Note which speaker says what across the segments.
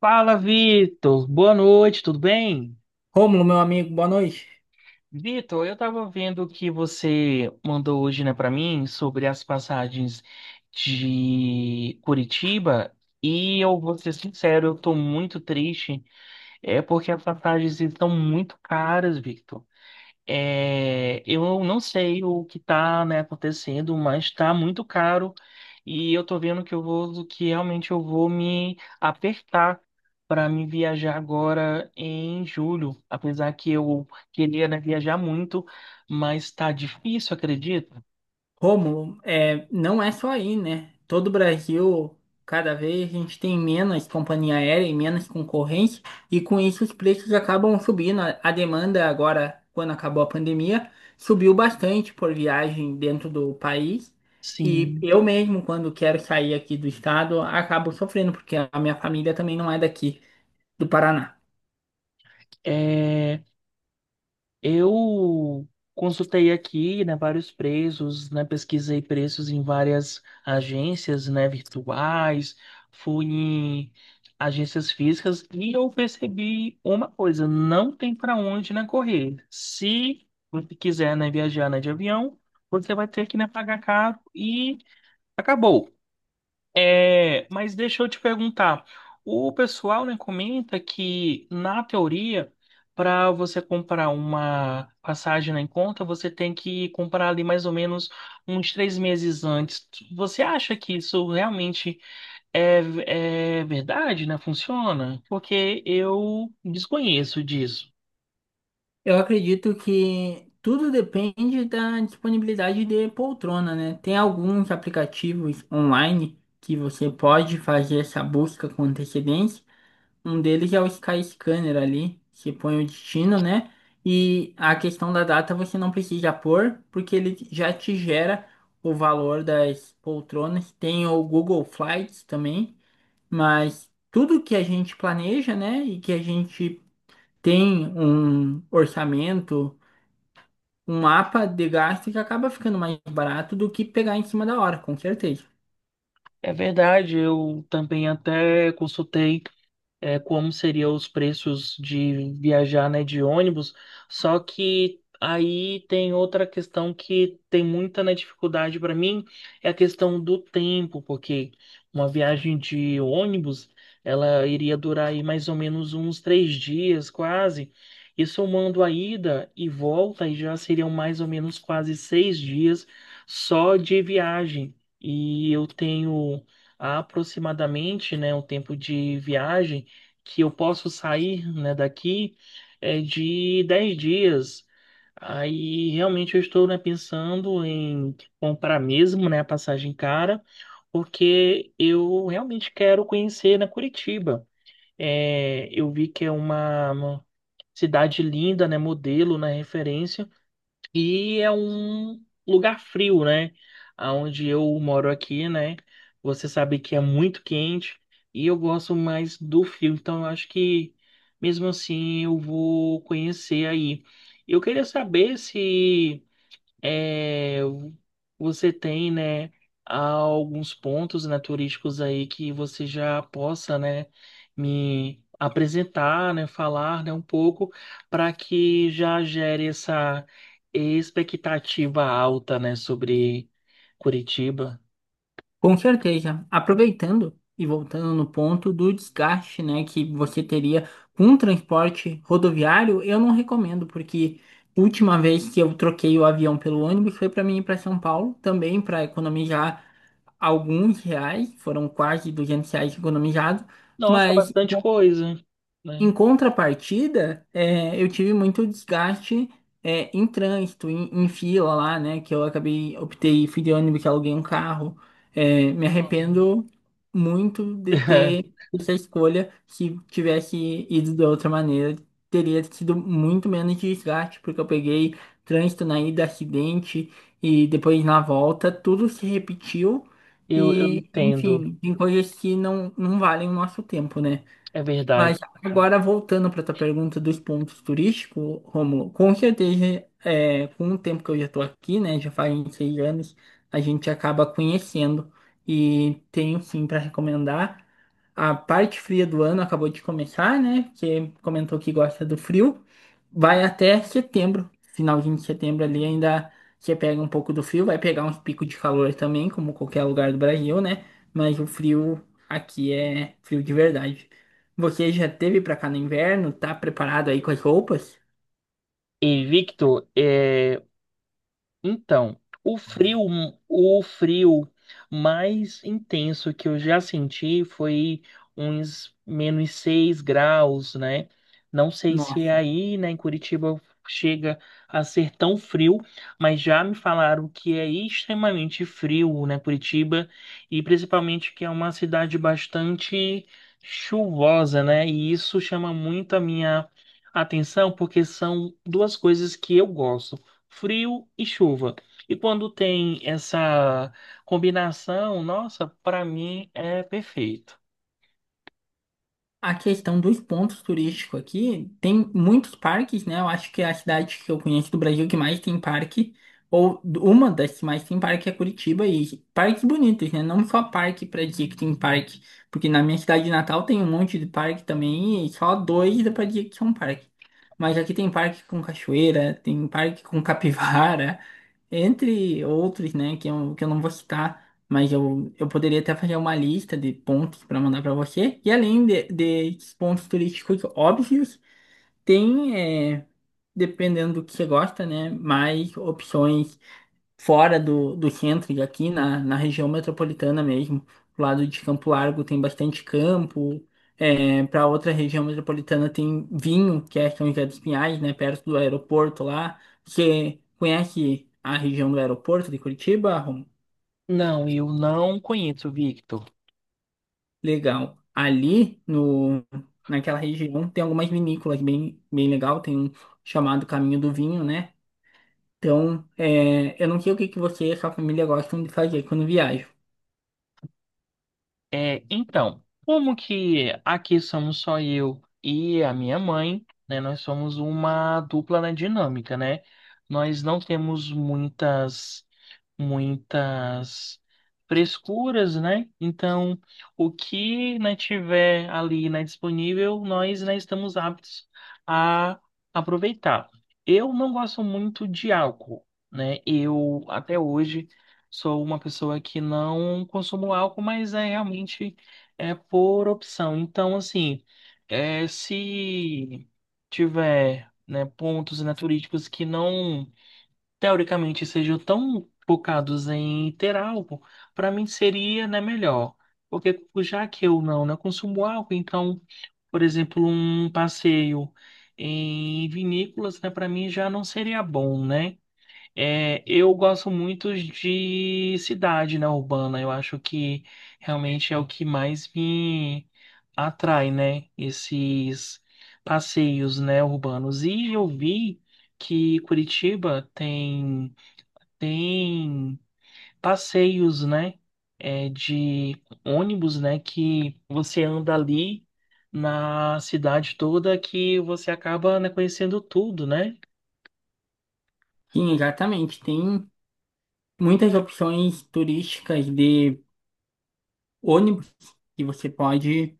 Speaker 1: Fala, Vitor. Boa noite, tudo bem?
Speaker 2: Rômulo, meu amigo, boa noite.
Speaker 1: Vitor, eu estava vendo o que você mandou hoje, né, para mim sobre as passagens de Curitiba e eu vou ser sincero, eu tô muito triste, é porque as passagens estão muito caras, Vitor. É, eu não sei o que está, né, acontecendo, mas está muito caro e eu tô vendo que que realmente eu vou me apertar para me viajar agora em julho, apesar que eu queria, né, viajar muito, mas está difícil, acredito.
Speaker 2: Rômulo, não é só aí, né? Todo o Brasil, cada vez a gente tem menos companhia aérea e menos concorrência, e com isso os preços acabam subindo. A demanda agora, quando acabou a pandemia, subiu bastante por viagem dentro do país. E
Speaker 1: Sim,
Speaker 2: eu mesmo, quando quero sair aqui do estado, acabo sofrendo, porque a minha família também não é daqui, do Paraná.
Speaker 1: é, eu consultei aqui, né, vários preços, né, pesquisei preços em várias agências, né, virtuais, fui em agências físicas e eu percebi uma coisa, não tem para onde, né, correr. Se você quiser, né, viajar, né, de avião, você vai ter que, né, pagar caro e acabou. É, mas deixa eu te perguntar. O pessoal, né, comenta que, na teoria, para você comprar uma passagem né, em conta, você tem que comprar ali mais ou menos uns 3 meses antes. Você acha que isso realmente é, é verdade, né? Funciona? Porque eu desconheço disso.
Speaker 2: Eu acredito que tudo depende da disponibilidade de poltrona, né? Tem alguns aplicativos online que você pode fazer essa busca com antecedência. Um deles é o Sky Scanner ali, você põe o destino, né? E a questão da data você não precisa pôr, porque ele já te gera o valor das poltronas. Tem o Google Flights também, mas tudo que a gente planeja, né? E que a gente tem um orçamento, um mapa de gasto que acaba ficando mais barato do que pegar em cima da hora, com certeza.
Speaker 1: É verdade, eu também até consultei. Como seriam os preços de viajar, né, de ônibus. Só que aí tem outra questão que tem muita, né, dificuldade para mim, é a questão do tempo, porque uma viagem de ônibus, ela iria durar aí mais ou menos uns 3 dias, quase. E somando a ida e volta, aí já seriam mais ou menos quase 6 dias só de viagem. E eu tenho aproximadamente, né, um tempo de viagem que eu posso sair, né, daqui é de 10 dias. Aí realmente eu estou, né, pensando em comprar mesmo, né, a passagem cara, porque eu realmente quero conhecer na Curitiba. É, eu vi que é uma cidade linda, né, modelo, né, referência. E é um lugar frio, né? Aonde eu moro aqui, né? Você sabe que é muito quente e eu gosto mais do frio, então eu acho que mesmo assim eu vou conhecer aí. Eu queria saber se é, você tem, né, alguns pontos, né, turísticos aí que você já possa, né, me apresentar, né, falar, né, um pouco para que já gere essa expectativa alta, né, sobre Curitiba.
Speaker 2: Com certeza. Aproveitando e voltando no ponto do desgaste, né, que você teria com o transporte rodoviário, eu não recomendo, porque última vez que eu troquei o avião pelo ônibus foi para mim ir para São Paulo, também para economizar alguns reais, foram quase R$ 200 economizados,
Speaker 1: Nossa,
Speaker 2: mas
Speaker 1: bastante coisa, né?
Speaker 2: em contrapartida, eu tive muito desgaste em trânsito, em fila lá, né? Que eu acabei, optei, fui de ônibus, que aluguei um carro. Me
Speaker 1: Uhum.
Speaker 2: arrependo muito de ter feito essa escolha. Se tivesse ido de outra maneira, teria sido muito menos desgaste, porque eu peguei trânsito na ida, acidente, e depois na volta, tudo se repetiu.
Speaker 1: Eu
Speaker 2: E,
Speaker 1: entendo,
Speaker 2: enfim, tem coisas que não, não valem o nosso tempo, né?
Speaker 1: é
Speaker 2: Mas
Speaker 1: verdade.
Speaker 2: agora voltando para a tua pergunta dos pontos turísticos, Rômulo, com certeza, com o tempo que eu já estou aqui, né, já faz 6 anos, a gente acaba conhecendo e tenho sim para recomendar. A parte fria do ano acabou de começar, né? Você comentou que gosta do frio, vai até setembro, finalzinho de setembro ali ainda você pega um pouco do frio, vai pegar uns picos de calor também, como qualquer lugar do Brasil, né? Mas o frio aqui é frio de verdade. Você já teve para cá no inverno? Tá preparado aí com as roupas?
Speaker 1: E Victor, então, o frio mais intenso que eu já senti foi uns -6 graus, né? Não sei se é
Speaker 2: Nossa.
Speaker 1: aí, né, em Curitiba chega a ser tão frio, mas já me falaram que é extremamente frio, né, Curitiba, e principalmente que é uma cidade bastante chuvosa, né? E isso chama muito a minha atenção, porque são duas coisas que eu gosto frio e chuva. E quando tem essa combinação, nossa, para mim é perfeito.
Speaker 2: A questão dos pontos turísticos aqui, tem muitos parques, né? Eu acho que é a cidade que eu conheço do Brasil que mais tem parque, ou uma das que mais tem parque é Curitiba, e parques bonitos, né? Não só parque pra dizer que tem parque, porque na minha cidade de Natal tem um monte de parque também, e só dois dá pra dizer que são parque. Mas aqui tem parque com cachoeira, tem parque com capivara, entre outros, né? Que eu não vou citar. Mas eu poderia até fazer uma lista de pontos para mandar para você. E desses pontos turísticos óbvios, tem, dependendo do que você gosta, né, mais opções fora do centro e aqui na região metropolitana mesmo. Do lado de Campo Largo tem bastante campo. Para outra região metropolitana tem Vinho, que é São José dos Pinhais, né, perto do aeroporto lá. Você conhece a região do aeroporto de Curitiba, Romulo?
Speaker 1: Não, eu não conheço, Victor.
Speaker 2: Legal. Ali no, naquela região tem algumas vinícolas bem, bem legal, tem um chamado Caminho do Vinho, né? Então, eu não sei o que que você e a sua família gostam de fazer quando viajam.
Speaker 1: É, então, como que aqui somos só eu e a minha mãe, né? Nós somos uma dupla na dinâmica, né? Nós não temos muitas frescuras, né? Então, o que, né, tiver ali, né, disponível, nós, né, estamos aptos a aproveitar. Eu não gosto muito de álcool, né? Eu, até hoje, sou uma pessoa que não consumo álcool, mas é realmente é por opção. Então, assim, se tiver, né, pontos, né, turísticos que não teoricamente sejam tão focados em ter álcool para mim seria, né, melhor. Porque tipo, já que eu não, né, consumo álcool, então, por exemplo, um passeio em vinícolas, né, para mim já não seria bom, né? É, eu gosto muito de cidade, né, urbana. Eu acho que realmente é o que mais me atrai, né? Esses passeios, né, urbanos. E eu vi que Curitiba tem passeios, né? É, de ônibus, né? Que você anda ali na cidade toda que você acaba, né, conhecendo tudo, né?
Speaker 2: Sim, exatamente. Tem muitas opções turísticas de ônibus que você pode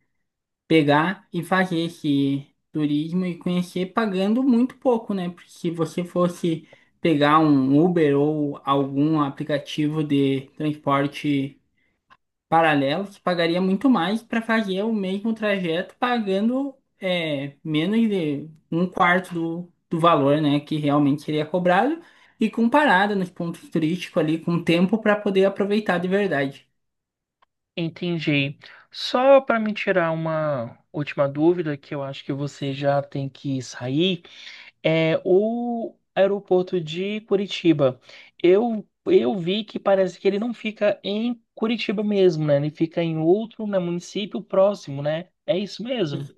Speaker 2: pegar e fazer esse turismo e conhecer pagando muito pouco, né? Porque se você fosse pegar um Uber ou algum aplicativo de transporte paralelos, pagaria muito mais para fazer o mesmo trajeto pagando menos de um quarto do valor, né, que realmente seria cobrado e com parada nos pontos turísticos ali, com tempo para poder aproveitar de verdade.
Speaker 1: Entendi. Só para me tirar uma última dúvida, que eu acho que você já tem que sair, é o aeroporto de Curitiba. Eu vi que parece que ele não fica em Curitiba mesmo, né? Ele fica em outro, né, município próximo, né? É isso mesmo?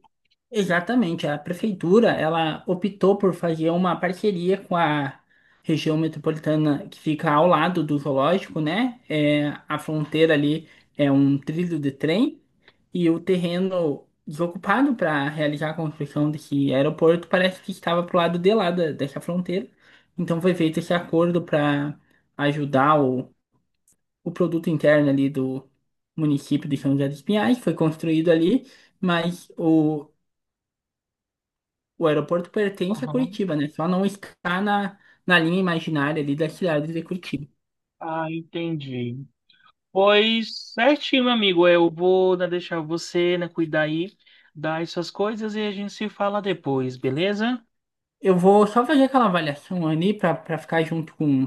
Speaker 2: Exatamente, a prefeitura ela optou por fazer uma parceria com a região metropolitana que fica ao lado do zoológico, né? É, a fronteira ali é um trilho de trem e o terreno desocupado para realizar a construção desse aeroporto parece que estava para o lado de lá da- dessa fronteira. Então foi feito esse acordo para ajudar o produto interno ali do município de São José dos Pinhais, foi construído ali. Mas o aeroporto pertence a
Speaker 1: Aham.
Speaker 2: Curitiba, né? Só não está na linha imaginária ali da cidade de Curitiba.
Speaker 1: Ah, entendi. Pois certinho, meu amigo. Eu vou, né, deixar você, né, cuidar aí das suas coisas e a gente se fala depois, beleza?
Speaker 2: Eu vou só fazer aquela avaliação ali para ficar junto com